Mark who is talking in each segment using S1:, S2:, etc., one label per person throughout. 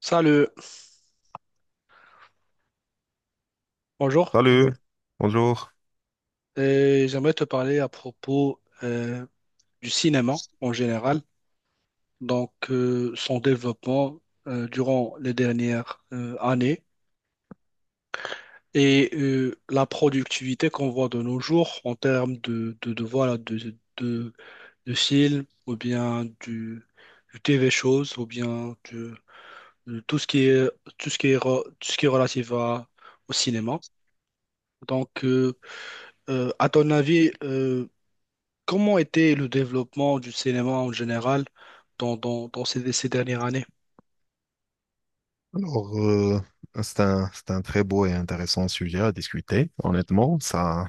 S1: Salut, bonjour.
S2: Salut, bonjour.
S1: Et j'aimerais te parler à propos du cinéma en général, son développement durant les dernières années et la productivité qu'on voit de nos jours en termes de films ou bien du TV shows ou bien de tout ce qui est, tout ce qui est, tout ce qui est au cinéma. Donc, euh, à ton avis, comment était le développement du cinéma en général dans ces dernières années?
S2: Alors, c'est un très beau et intéressant sujet à discuter. Honnêtement, ça,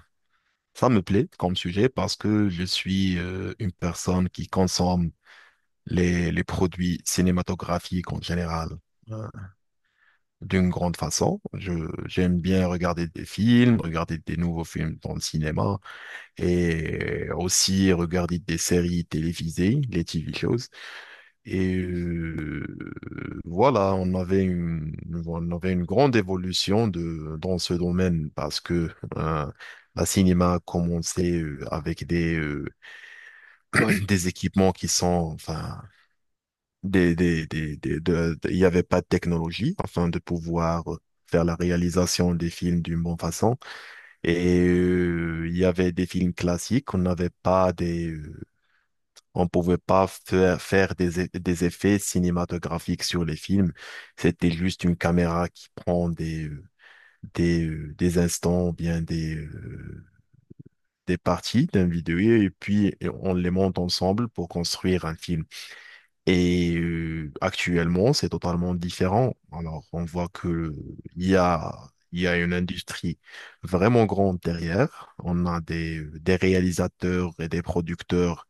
S2: ça me plaît comme sujet parce que je suis une personne qui consomme les produits cinématographiques en général euh, d'une grande façon. J'aime bien regarder des films, regarder des nouveaux films dans le cinéma et aussi regarder des séries télévisées, les TV shows. Et voilà, on avait une grande évolution dans ce domaine parce que euh, la cinéma a commencé avec
S1: Oui,
S2: des équipements qui sont, enfin, il n'y avait pas de technologie afin de pouvoir faire la réalisation des films d'une bonne façon. Et il y avait des films classiques, on n'avait pas des on pouvait pas faire des effets cinématographiques sur les films. C'était juste une caméra qui prend des instants, ou bien des parties d'un vidéo et puis on les monte ensemble pour construire un film. Et actuellement, c'est totalement différent. Alors, on voit que il y a, il y a une industrie vraiment grande derrière. On a des réalisateurs et des producteurs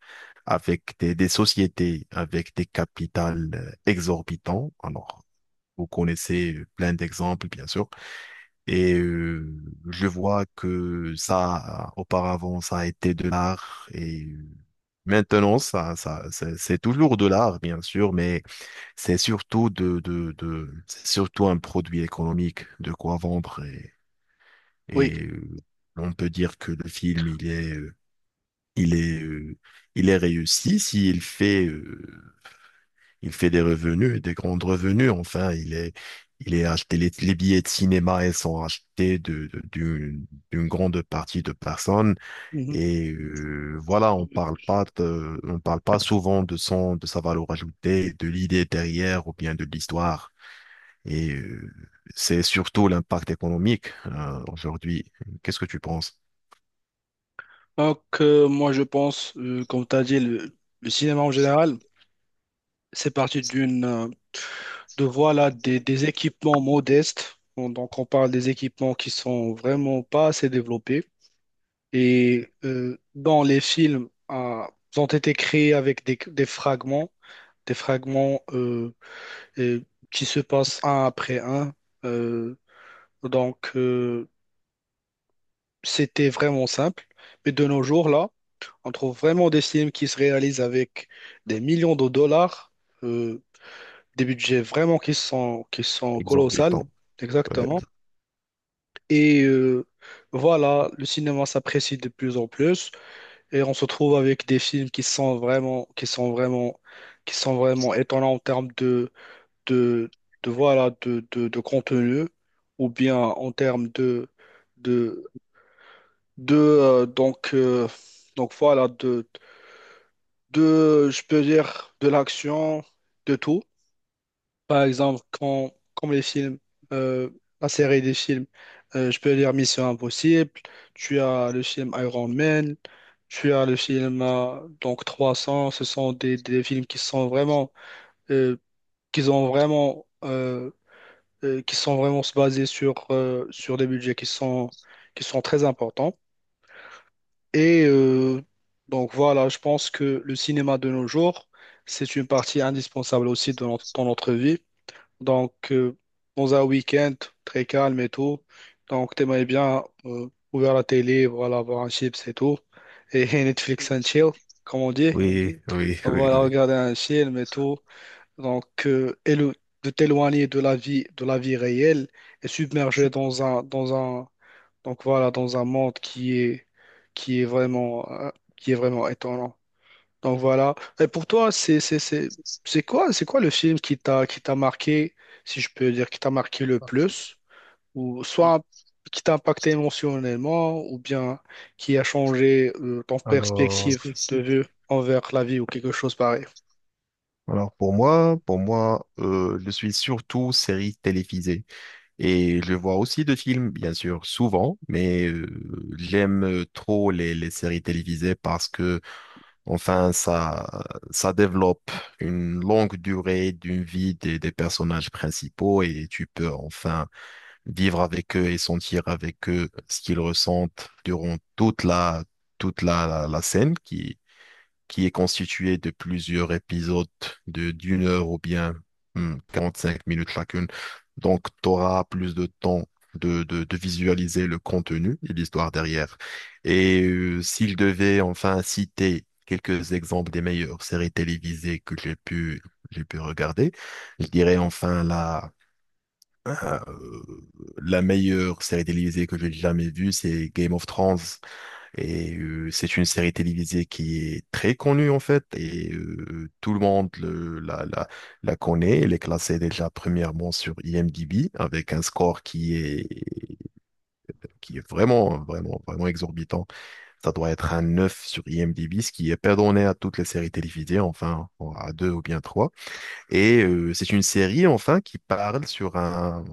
S2: avec des sociétés, avec des capitales exorbitants. Alors, vous connaissez plein d'exemples, bien sûr. Et je vois que ça, auparavant, ça a été de l'art et, maintenant, ça c'est toujours de l'art, bien sûr, mais c'est surtout c'est surtout un produit économique de quoi vendre et,
S1: oui.
S2: et euh, on peut dire que le film, il est, euh, il est réussi s'il fait des revenus, des grands revenus. Enfin, il est acheté, les billets de cinéma, ils sont achetés d'une grande partie de personnes
S1: Mhm.
S2: et voilà, on parle pas souvent de son, de sa valeur ajoutée, de l'idée derrière ou bien de l'histoire. Et c'est surtout l'impact économique aujourd'hui. Qu'est-ce que tu penses?
S1: Moi, je pense, comme tu as dit, le cinéma en général, c'est parti de voilà, des équipements modestes. Donc, on parle des équipements qui sont vraiment pas assez développés. Et dans les films, ils ont été créés avec des fragments euh, qui se passent un après un. euh, Donc, euh, C'était vraiment simple. Mais de nos jours, là, on trouve vraiment des films qui se réalisent avec des millions de dollars, euh, des budgets vraiment qui sont colossales,
S2: Exorbitant. Ouais.
S1: exactement. Et voilà, le cinéma s'apprécie de plus en plus et on se trouve avec des films qui sont vraiment étonnants en termes de, de de contenu ou bien en termes de, de voilà de je peux dire de l'action, de tout. Par exemple, quand comme les films, euh, la série des films, je peux dire Mission Impossible, tu as le film Iron Man, tu as le film 300. Ce sont des films qui sont vraiment euh, qui ont vraiment euh, qui sont vraiment se basés sur sur des budgets qui sont très importants. Et donc voilà, je pense que le cinéma de nos jours, c'est une partie indispensable aussi de notre, dans notre vie. Donc euh, Dans un week-end très calme et tout, donc t'aimerais bien ouvrir la télé, voilà, voir un chips et tout, et Netflix and chill, comme on dit.
S2: Oui, oui, oui,
S1: Voilà,
S2: oui.
S1: regarder un film et tout. Donc euh, élo- de t'éloigner de la vie réelle, et submerger dans un, donc voilà, dans un monde qui est vraiment, euh, qui est vraiment étonnant. Donc voilà. Et pour toi, c'est quoi le film qui t'a marqué, si je peux dire, qui t'a marqué le plus, ou soit qui t'a impacté émotionnellement, ou bien qui a changé, ton
S2: Alors,
S1: perspective de vue envers la vie ou quelque chose pareil.
S2: alors, pour moi, je suis surtout série télévisée et je vois aussi de films, bien sûr, souvent, mais j'aime trop les séries télévisées parce que, enfin, ça développe une longue durée d'une vie des personnages principaux et tu peux enfin vivre avec eux et sentir avec eux ce qu'ils ressentent durant toute la scène qui est constituée de plusieurs épisodes de d'une heure ou bien hmm, 5 minutes chacune. Donc, tu auras plus de temps de visualiser le contenu et l'histoire derrière. Et s'il devait enfin citer quelques exemples des meilleures séries télévisées que j'ai pu regarder, je dirais enfin euh, la meilleure série télévisée que j'ai jamais vue, c'est Game of Thrones. Et c'est une série télévisée qui est très connue en fait. Et tout le monde la connaît. Elle est classée déjà premièrement sur IMDb avec un score qui est vraiment, vraiment, vraiment exorbitant. Ça doit être un 9 sur IMDb, ce qui est pas donné à toutes les séries télévisées, enfin à deux ou bien trois. Et c'est une série enfin qui parle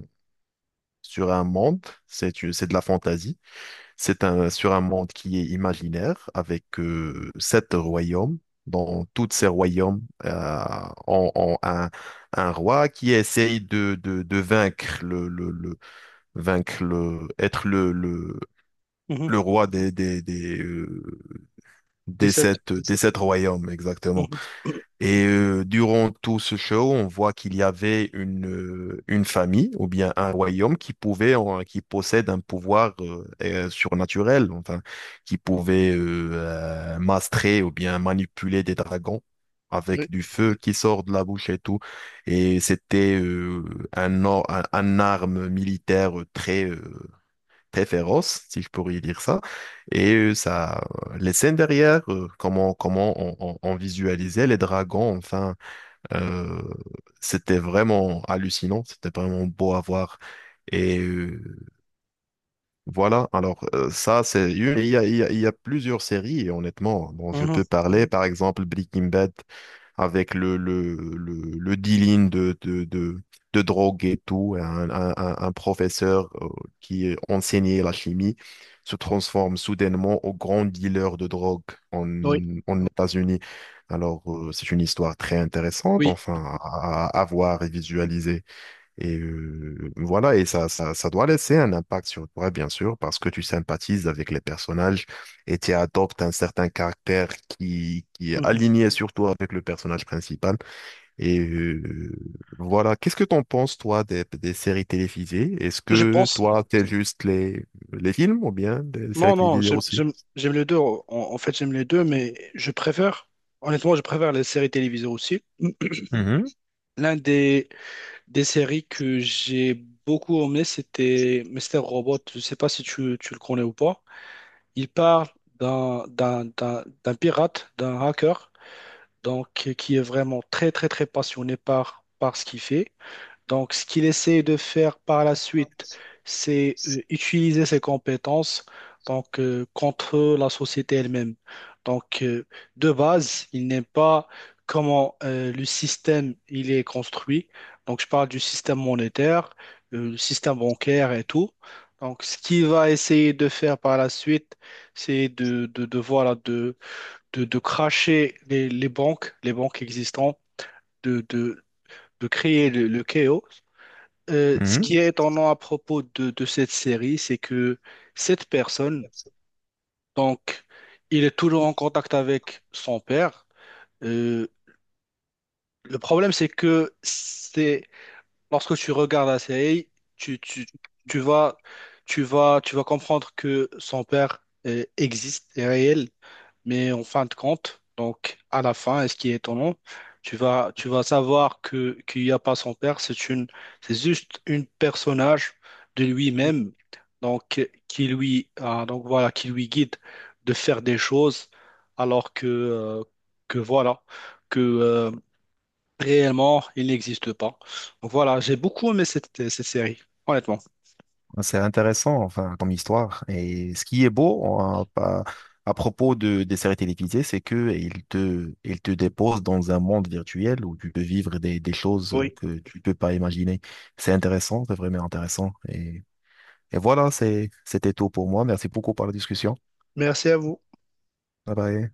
S2: sur un monde, c'est de la fantaisie, sur un monde qui est imaginaire avec sept royaumes. Dans tous ces royaumes, ont un roi qui essaye de vaincre vaincre le, être le, le,
S1: Mhm.
S2: le roi des, des, des, euh,
S1: Des
S2: des
S1: sept.
S2: sept, des sept royaumes, exactement.
S1: Mhm.
S2: Et durant tout ce show, on voit qu'il y avait une famille ou bien un royaume qui possède un pouvoir surnaturel, enfin, qui pouvait mastrer ou bien manipuler des dragons
S1: Oui.
S2: avec du feu qui sort de la bouche et tout. Et c'était un arme militaire très féroce, si je pourrais dire ça. Et les scènes derrière, comment on visualisait les dragons, enfin, euh, c'était vraiment hallucinant, c'était vraiment beau à voir. Et voilà, alors il y a, il y a- il y a plusieurs séries, et honnêtement, dont je
S1: Mhm.
S2: peux parler, par exemple Breaking Bad, avec le dealing de drogue et tout. Professeur qui enseignait la chimie se transforme soudainement au grand dealer de drogue en,
S1: Oui.
S2: États-Unis. Alors, c'est une histoire très intéressante,
S1: Oui.
S2: enfin, à voir et visualiser. Et voilà, et ça doit laisser un impact sur toi, bien sûr, parce que tu sympathises avec les personnages et tu adoptes un certain caractère qui est
S1: Mhm.
S2: aligné surtout avec le personnage principal. Et voilà, qu'est-ce que t'en penses, toi, des séries télévisées? Est-ce
S1: Je
S2: que
S1: pense.
S2: toi, t'es juste les films ou bien des séries
S1: Non, non,
S2: télévisées aussi?
S1: j'aime les deux. En, en fait, j'aime les deux, mais je préfère, honnêtement, je préfère les séries télévisées aussi.
S2: Mhm,
S1: L'un des séries que j'ai beaucoup aimé, c'était Mr. Robot. Je ne sais pas si tu le connais ou pas. Il parle d'un pirate, d'un hacker, donc qui est vraiment très passionné par ce qu'il fait. Donc, ce qu'il essaie de faire par la suite, c'est utiliser ses compétences, contre la société elle-même. Donc, euh, de base, il n'aime pas comment le système il est construit. Donc, je parle du système monétaire, le système bancaire et tout. Donc, ce qu'il va essayer de faire par la suite, c'est de, voilà, de cracher les banques existantes, de, de, de créer le chaos. Ce qui
S2: mhm.
S1: est étonnant à propos de cette série, c'est que cette personne, donc, il est toujours en contact avec son père. Euh, le problème, c'est que c'est lorsque tu regardes la série, tu, tu, tu vas, tu vas comprendre que son père existe, est réel, mais en fin de compte, donc à la fin, est-ce qui est étonnant, tu vas savoir que qu'il n'y a pas son père, c'est juste une personnage de lui-même, qui lui, donc voilà, qui lui guide de faire des choses, alors que, que voilà, que euh, réellement, il n'existe pas. Donc voilà, j'ai beaucoup aimé cette série, honnêtement.
S2: C'est intéressant, enfin, comme histoire. Et ce qui est beau hein, à propos des séries télévisées, c'est que ils te déposent dans un monde virtuel où tu peux vivre des choses
S1: Oui,
S2: que tu peux pas imaginer. C'est intéressant, c'est vraiment intéressant. Et voilà, c'était tout pour moi. Merci beaucoup pour la discussion.
S1: merci à vous.
S2: Bye bye.